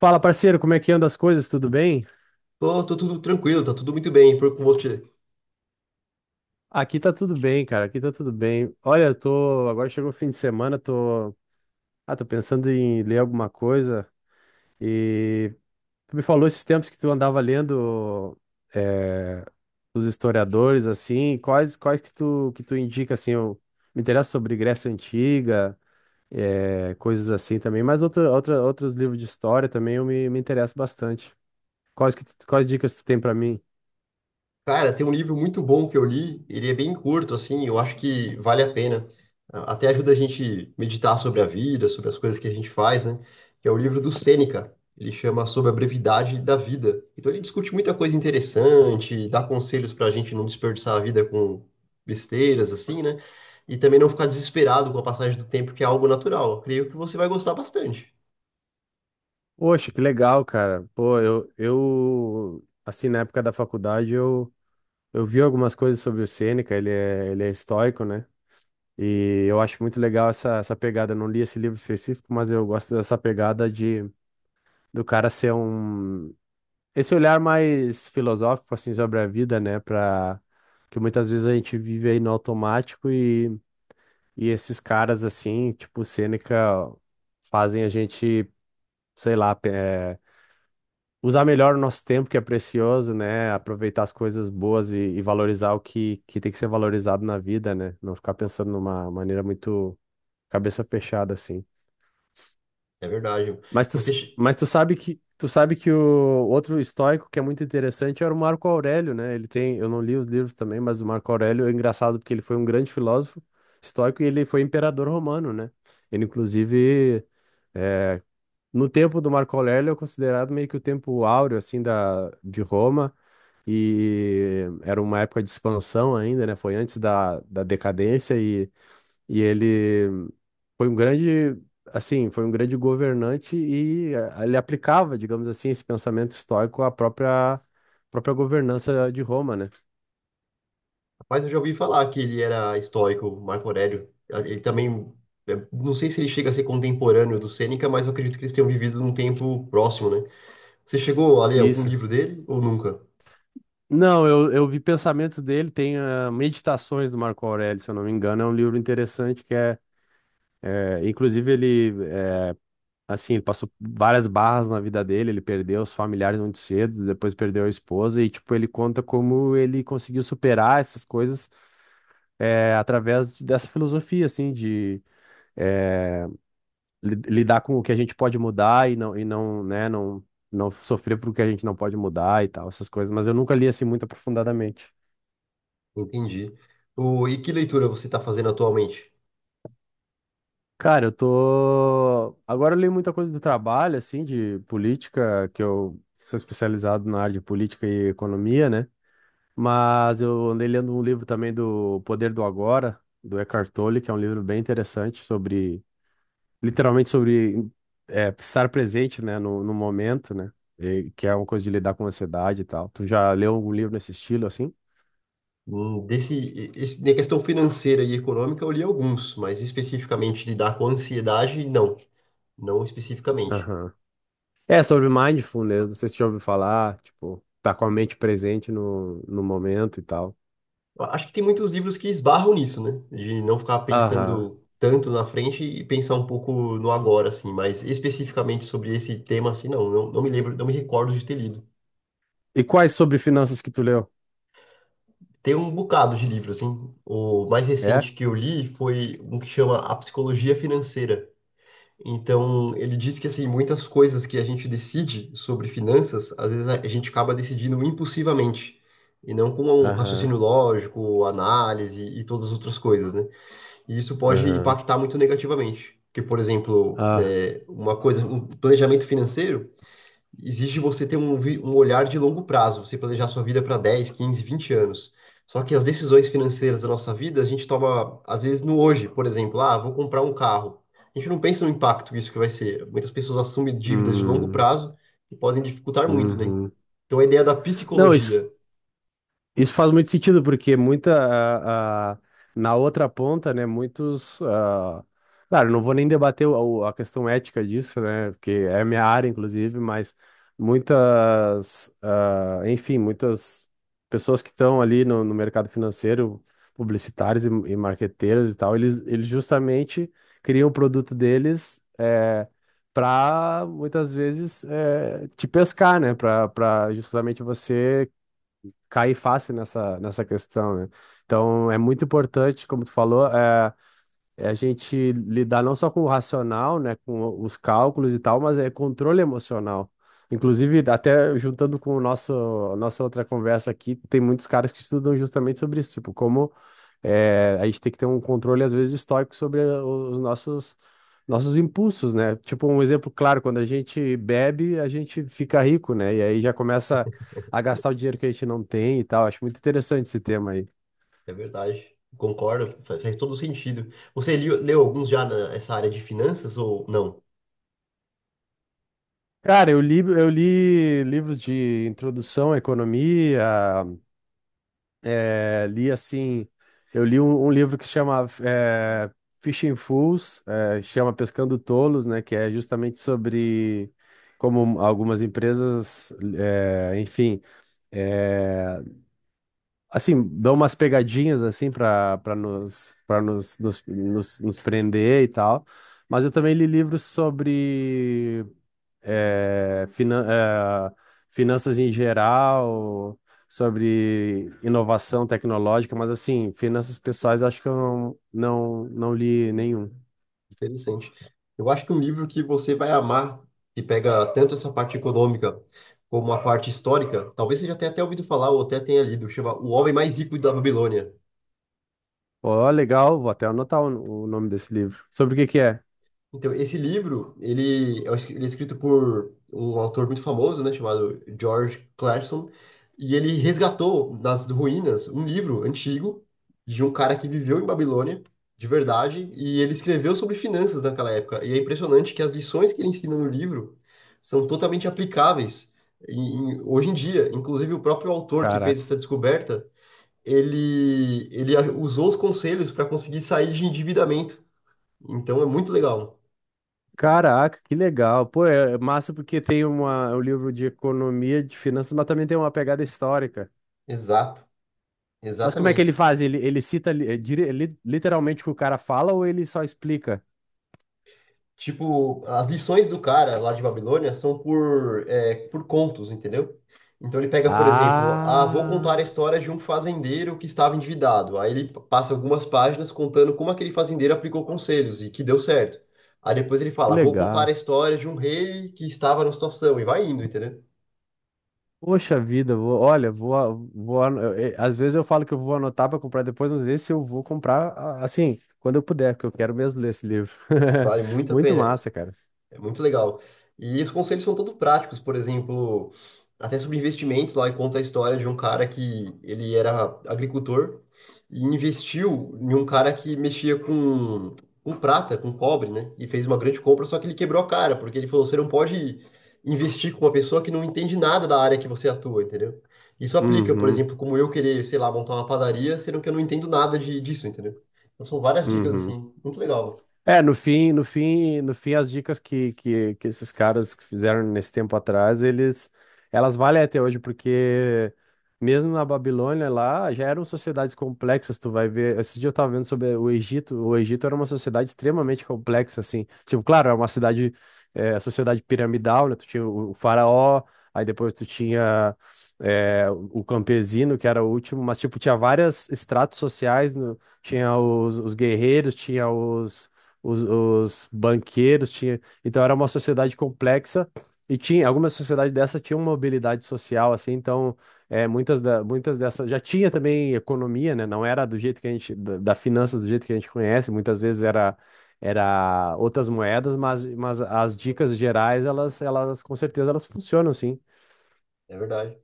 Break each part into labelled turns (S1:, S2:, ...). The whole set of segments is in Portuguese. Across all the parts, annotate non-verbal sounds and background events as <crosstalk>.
S1: Fala, parceiro, como é que anda as coisas? Tudo bem?
S2: Tô tudo tranquilo, tá tudo muito bem. Por, com você.
S1: Aqui tá tudo bem, cara. Aqui tá tudo bem. Olha, eu tô. Agora chegou o fim de semana, tô. Tô pensando em ler alguma coisa. E tu me falou esses tempos que tu andava lendo eh, os historiadores, assim. Quais que tu indica, assim? Eu me interesso sobre Grécia Antiga, coisas assim também. Mas outros livros de história também eu me interesso bastante. Quais dicas tu tem pra mim?
S2: Cara, tem um livro muito bom que eu li, ele é bem curto, assim, eu acho que vale a pena. Até ajuda a gente meditar sobre a vida, sobre as coisas que a gente faz, né? Que é o livro do Sêneca. Ele chama Sobre a Brevidade da Vida. Então ele discute muita coisa interessante, dá conselhos pra gente não desperdiçar a vida com besteiras, assim, né? E também não ficar desesperado com a passagem do tempo, que é algo natural. Eu creio que você vai gostar bastante.
S1: Poxa, que legal, cara. Pô, eu assim, na época da faculdade, eu vi algumas coisas sobre o Sêneca, ele é estoico, né? E eu acho muito legal essa pegada. Eu não li esse livro específico, mas eu gosto dessa pegada de do cara ser um... Esse olhar mais filosófico, assim, sobre a vida, né? Pra... Que muitas vezes a gente vive aí no automático e esses caras, assim, tipo o Sêneca, fazem a gente, sei lá, usar melhor o nosso tempo, que é precioso, né? Aproveitar as coisas boas e valorizar que tem que ser valorizado na vida, né? Não ficar pensando numa maneira muito cabeça fechada, assim.
S2: É verdade.
S1: Mas
S2: Você
S1: mas tu sabe que o outro estoico que é muito interessante era o Marco Aurélio, né? Ele tem, eu não li os livros também, mas o Marco Aurélio é engraçado porque ele foi um grande filósofo estoico e ele foi imperador romano, né? Ele, inclusive, é, no tempo do Marco Aurélio é considerado meio que o tempo áureo, assim, de Roma e era uma época de expansão ainda, né? Foi antes da decadência e ele foi um grande, assim, foi um grande governante e ele aplicava, digamos assim, esse pensamento estoico à própria governança de Roma, né?
S2: Mas eu já ouvi falar que ele era estoico, Marco Aurélio. Ele também, não sei se ele chega a ser contemporâneo do Sêneca, mas eu acredito que eles tenham vivido num tempo próximo, né? Você chegou a ler algum
S1: Isso.
S2: livro dele ou nunca?
S1: Não, eu vi pensamentos dele, tem Meditações do Marco Aurélio, se eu não me engano, é um livro interessante inclusive ele assim, ele passou várias barras na vida dele, ele perdeu os familiares muito cedo, depois perdeu a esposa, e, tipo, ele conta como ele conseguiu superar essas coisas através dessa filosofia, assim, de lidar com o que a gente pode mudar e não sofrer por o que a gente não pode mudar e tal, essas coisas. Mas eu nunca li, assim, muito aprofundadamente.
S2: Entendi. O, e que leitura você está fazendo atualmente?
S1: Cara, eu tô... Agora eu li muita coisa do trabalho, assim, de política, que eu sou especializado na área de política e economia, né? Mas eu andei lendo um livro também do Poder do Agora, do Eckhart Tolle, que é um livro bem interessante sobre, literalmente sobre estar presente, né, no momento, né, e que é uma coisa de lidar com ansiedade e tal. Tu já leu algum livro nesse estilo, assim?
S2: Desse, esse, na questão financeira e econômica, eu li alguns, mas especificamente lidar com ansiedade, não, não especificamente.
S1: Aham. É, sobre mindfulness, não sei se você já ouviu falar, tipo, tá com a mente presente no momento e tal.
S2: Eu acho que tem muitos livros que esbarram nisso, né? De não ficar
S1: Aham.
S2: pensando tanto na frente e pensar um pouco no agora, assim. Mas especificamente sobre esse tema, assim, não me lembro, não me recordo de ter lido.
S1: E quais sobre finanças que tu leu?
S2: Tem um bocado de livro, assim. O mais
S1: É?
S2: recente que eu li foi um que chama A Psicologia Financeira. Então, ele diz que, assim, muitas coisas que a gente decide sobre finanças, às vezes a gente acaba decidindo impulsivamente. E não com um
S1: Aham,
S2: raciocínio lógico, análise e todas as outras coisas, né? E isso pode
S1: aham.
S2: impactar muito negativamente. Porque, por exemplo,
S1: Ah,
S2: uma coisa, um planejamento financeiro exige você ter um, um olhar de longo prazo, você planejar sua vida para 10, 15, 20 anos. Só que as decisões financeiras da nossa vida, a gente toma, às vezes, no hoje, por exemplo, ah, vou comprar um carro. A gente não pensa no impacto que isso que vai ser. Muitas pessoas assumem dívidas de longo
S1: hum,
S2: prazo que podem dificultar muito, né?
S1: uhum.
S2: Então, a ideia da
S1: Não, isso
S2: psicologia
S1: Isso faz muito sentido, porque na outra ponta, né? Claro, não vou nem debater a questão ética disso, né? Porque é a minha área, inclusive, mas muitas pessoas que estão ali no mercado financeiro, publicitários e marqueteiros e tal, eles justamente criam o produto deles. Para muitas vezes te pescar, né? Para justamente você cair fácil nessa questão, né? Então, é muito importante, como tu falou, a gente lidar não só com o racional, né, com os cálculos e tal, mas é controle emocional. Inclusive, até juntando com o a nossa outra conversa aqui, tem muitos caras que estudam justamente sobre isso, tipo, como a gente tem que ter um controle, às vezes, estoico sobre nossos impulsos, né? Tipo, um exemplo claro, quando a gente bebe, a gente fica rico, né? E aí já começa a gastar o dinheiro que a gente não tem e tal. Acho muito interessante esse tema aí.
S2: é verdade. Concordo, faz todo sentido. Você leu alguns já nessa área de finanças ou não?
S1: Cara, eu li livros de introdução à economia, é, li assim, eu li um livro que se chama Fishing Fools, chama Pescando Tolos, né? Que é justamente sobre como algumas empresas, é, enfim, é, assim, dão umas pegadinhas assim para nos prender e tal. Mas eu também li livros sobre é, finan- é, finanças em geral, sobre inovação tecnológica, mas assim, finanças pessoais acho que eu não li nenhum.
S2: Interessante. Eu acho que um livro que você vai amar, que pega tanto essa parte econômica como a parte histórica, talvez você já tenha até ouvido falar ou até tenha lido, chama O Homem Mais Rico da Babilônia.
S1: Ó, legal, vou até anotar o nome desse livro. Sobre o que que é?
S2: Então, esse livro, ele, eu acho que ele é escrito por um autor muito famoso, né, chamado George Clason, e ele resgatou das ruínas um livro antigo de um cara que viveu em Babilônia, de verdade, e ele escreveu sobre finanças naquela época. E é impressionante que as lições que ele ensina no livro são totalmente aplicáveis hoje em dia. Inclusive, o próprio autor que fez
S1: Caraca.
S2: essa descoberta, ele usou os conselhos para conseguir sair de endividamento. Então, é muito legal.
S1: Caraca, que legal. Pô, é massa porque tem uma, é um livro de economia, de finanças, mas também tem uma pegada histórica.
S2: Exato,
S1: Mas como é que ele
S2: exatamente.
S1: faz? Ele cita literalmente o que o cara fala ou ele só explica?
S2: Tipo, as lições do cara lá de Babilônia são por, é, por contos, entendeu? Então ele pega, por exemplo, ah, vou contar a
S1: Ah,
S2: história de um fazendeiro que estava endividado. Aí ele passa algumas páginas contando como aquele fazendeiro aplicou conselhos e que deu certo. Aí depois ele
S1: que
S2: fala, vou contar a
S1: legal.
S2: história de um rei que estava numa situação e vai indo, entendeu?
S1: Poxa vida, vou, olha, vou, a- vou, ano- eu- eh, às vezes eu falo que eu vou anotar para comprar depois, mas esse eu vou comprar assim, quando eu puder, porque eu quero mesmo ler esse livro.
S2: Vale
S1: <laughs>
S2: muito a
S1: Muito
S2: pena.
S1: massa, cara.
S2: É muito legal. E os conselhos são todos práticos, por exemplo, até sobre investimentos, lá e conta a história de um cara que ele era agricultor e investiu em um cara que mexia com prata, com cobre, né? E fez uma grande compra, só que ele quebrou a cara, porque ele falou, você não pode investir com uma pessoa que não entende nada da área que você atua, entendeu? Isso aplica, por
S1: Uhum,
S2: exemplo, como eu querer, sei lá, montar uma padaria, sendo que eu não entendo nada de, disso, entendeu? Então são várias dicas
S1: uhum.
S2: assim, muito legal,
S1: É, no fim, as dicas que esses caras que fizeram nesse tempo atrás, elas valem até hoje, porque mesmo na Babilônia lá, já eram sociedades complexas, tu vai ver, esse dia eu tava vendo sobre o Egito era uma sociedade extremamente complexa, assim, tipo, claro, é uma cidade, sociedade piramidal, né, tu tinha o faraó, aí depois tu tinha, o campesino, que era o último, mas, tipo, tinha várias estratos sociais, tinha os guerreiros, tinha os banqueiros tinha, então era uma sociedade complexa e tinha algumas sociedades dessa tinham mobilidade social assim, então muitas muitas dessas já tinha também economia, né? Não era do jeito que a gente da finanças do jeito que a gente conhece, muitas vezes era outras moedas, mas as dicas gerais elas com certeza elas funcionam sim.
S2: é verdade.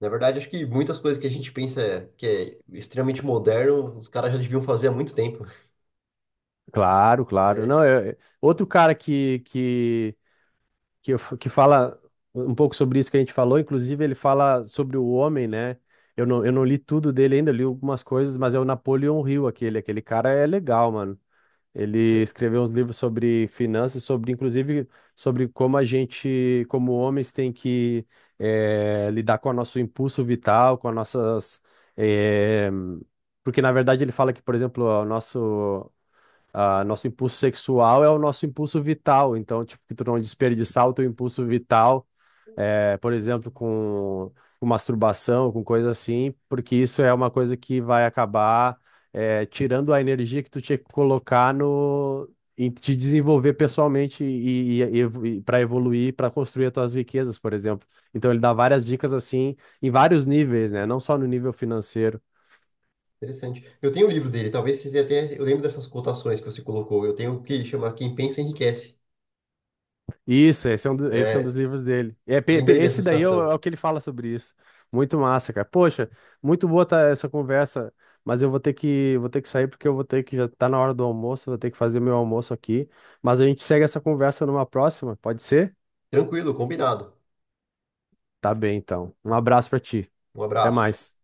S2: Na verdade, acho que muitas coisas que a gente pensa que é extremamente moderno, os caras já deviam fazer há muito tempo.
S1: Claro, claro.
S2: É
S1: Não, outro cara que fala um pouco sobre isso que a gente falou. Inclusive, ele fala sobre o homem, né? Eu não li tudo dele ainda, eu li algumas coisas, mas é o Napoleon Hill, aquele. Aquele cara é legal, mano. Ele escreveu uns livros sobre finanças, sobre, inclusive, sobre como a gente, como homens, tem que lidar com o nosso impulso vital, com as nossas. eh, Porque, na verdade, ele fala que, por exemplo, nosso impulso sexual é o nosso impulso vital, então, tipo, que tu não desperdiçar o teu impulso vital, por exemplo, com masturbação, com coisa assim, porque isso é uma coisa que vai acabar, tirando a energia que tu tinha que colocar no, em te desenvolver pessoalmente para evoluir, para construir as tuas riquezas, por exemplo. Então, ele dá várias dicas assim, em vários níveis, né? Não só no nível financeiro.
S2: interessante. Eu tenho o livro dele, talvez você até. Eu lembro dessas cotações que você colocou. Eu tenho o que chama Quem Pensa Enriquece.
S1: Isso, esse é um, esse é um dos
S2: É,
S1: livros dele. É,
S2: lembrei dessa
S1: esse daí é
S2: citação.
S1: é o que ele fala sobre isso. Muito massa, cara. Poxa, muito boa tá essa conversa, mas eu vou ter vou ter que sair porque eu vou ter que, já tá na hora do almoço, vou ter que fazer meu almoço aqui. Mas a gente segue essa conversa numa próxima, pode ser?
S2: Tranquilo, combinado.
S1: Tá bem, então. Um abraço pra ti.
S2: Um
S1: Até
S2: abraço.
S1: mais.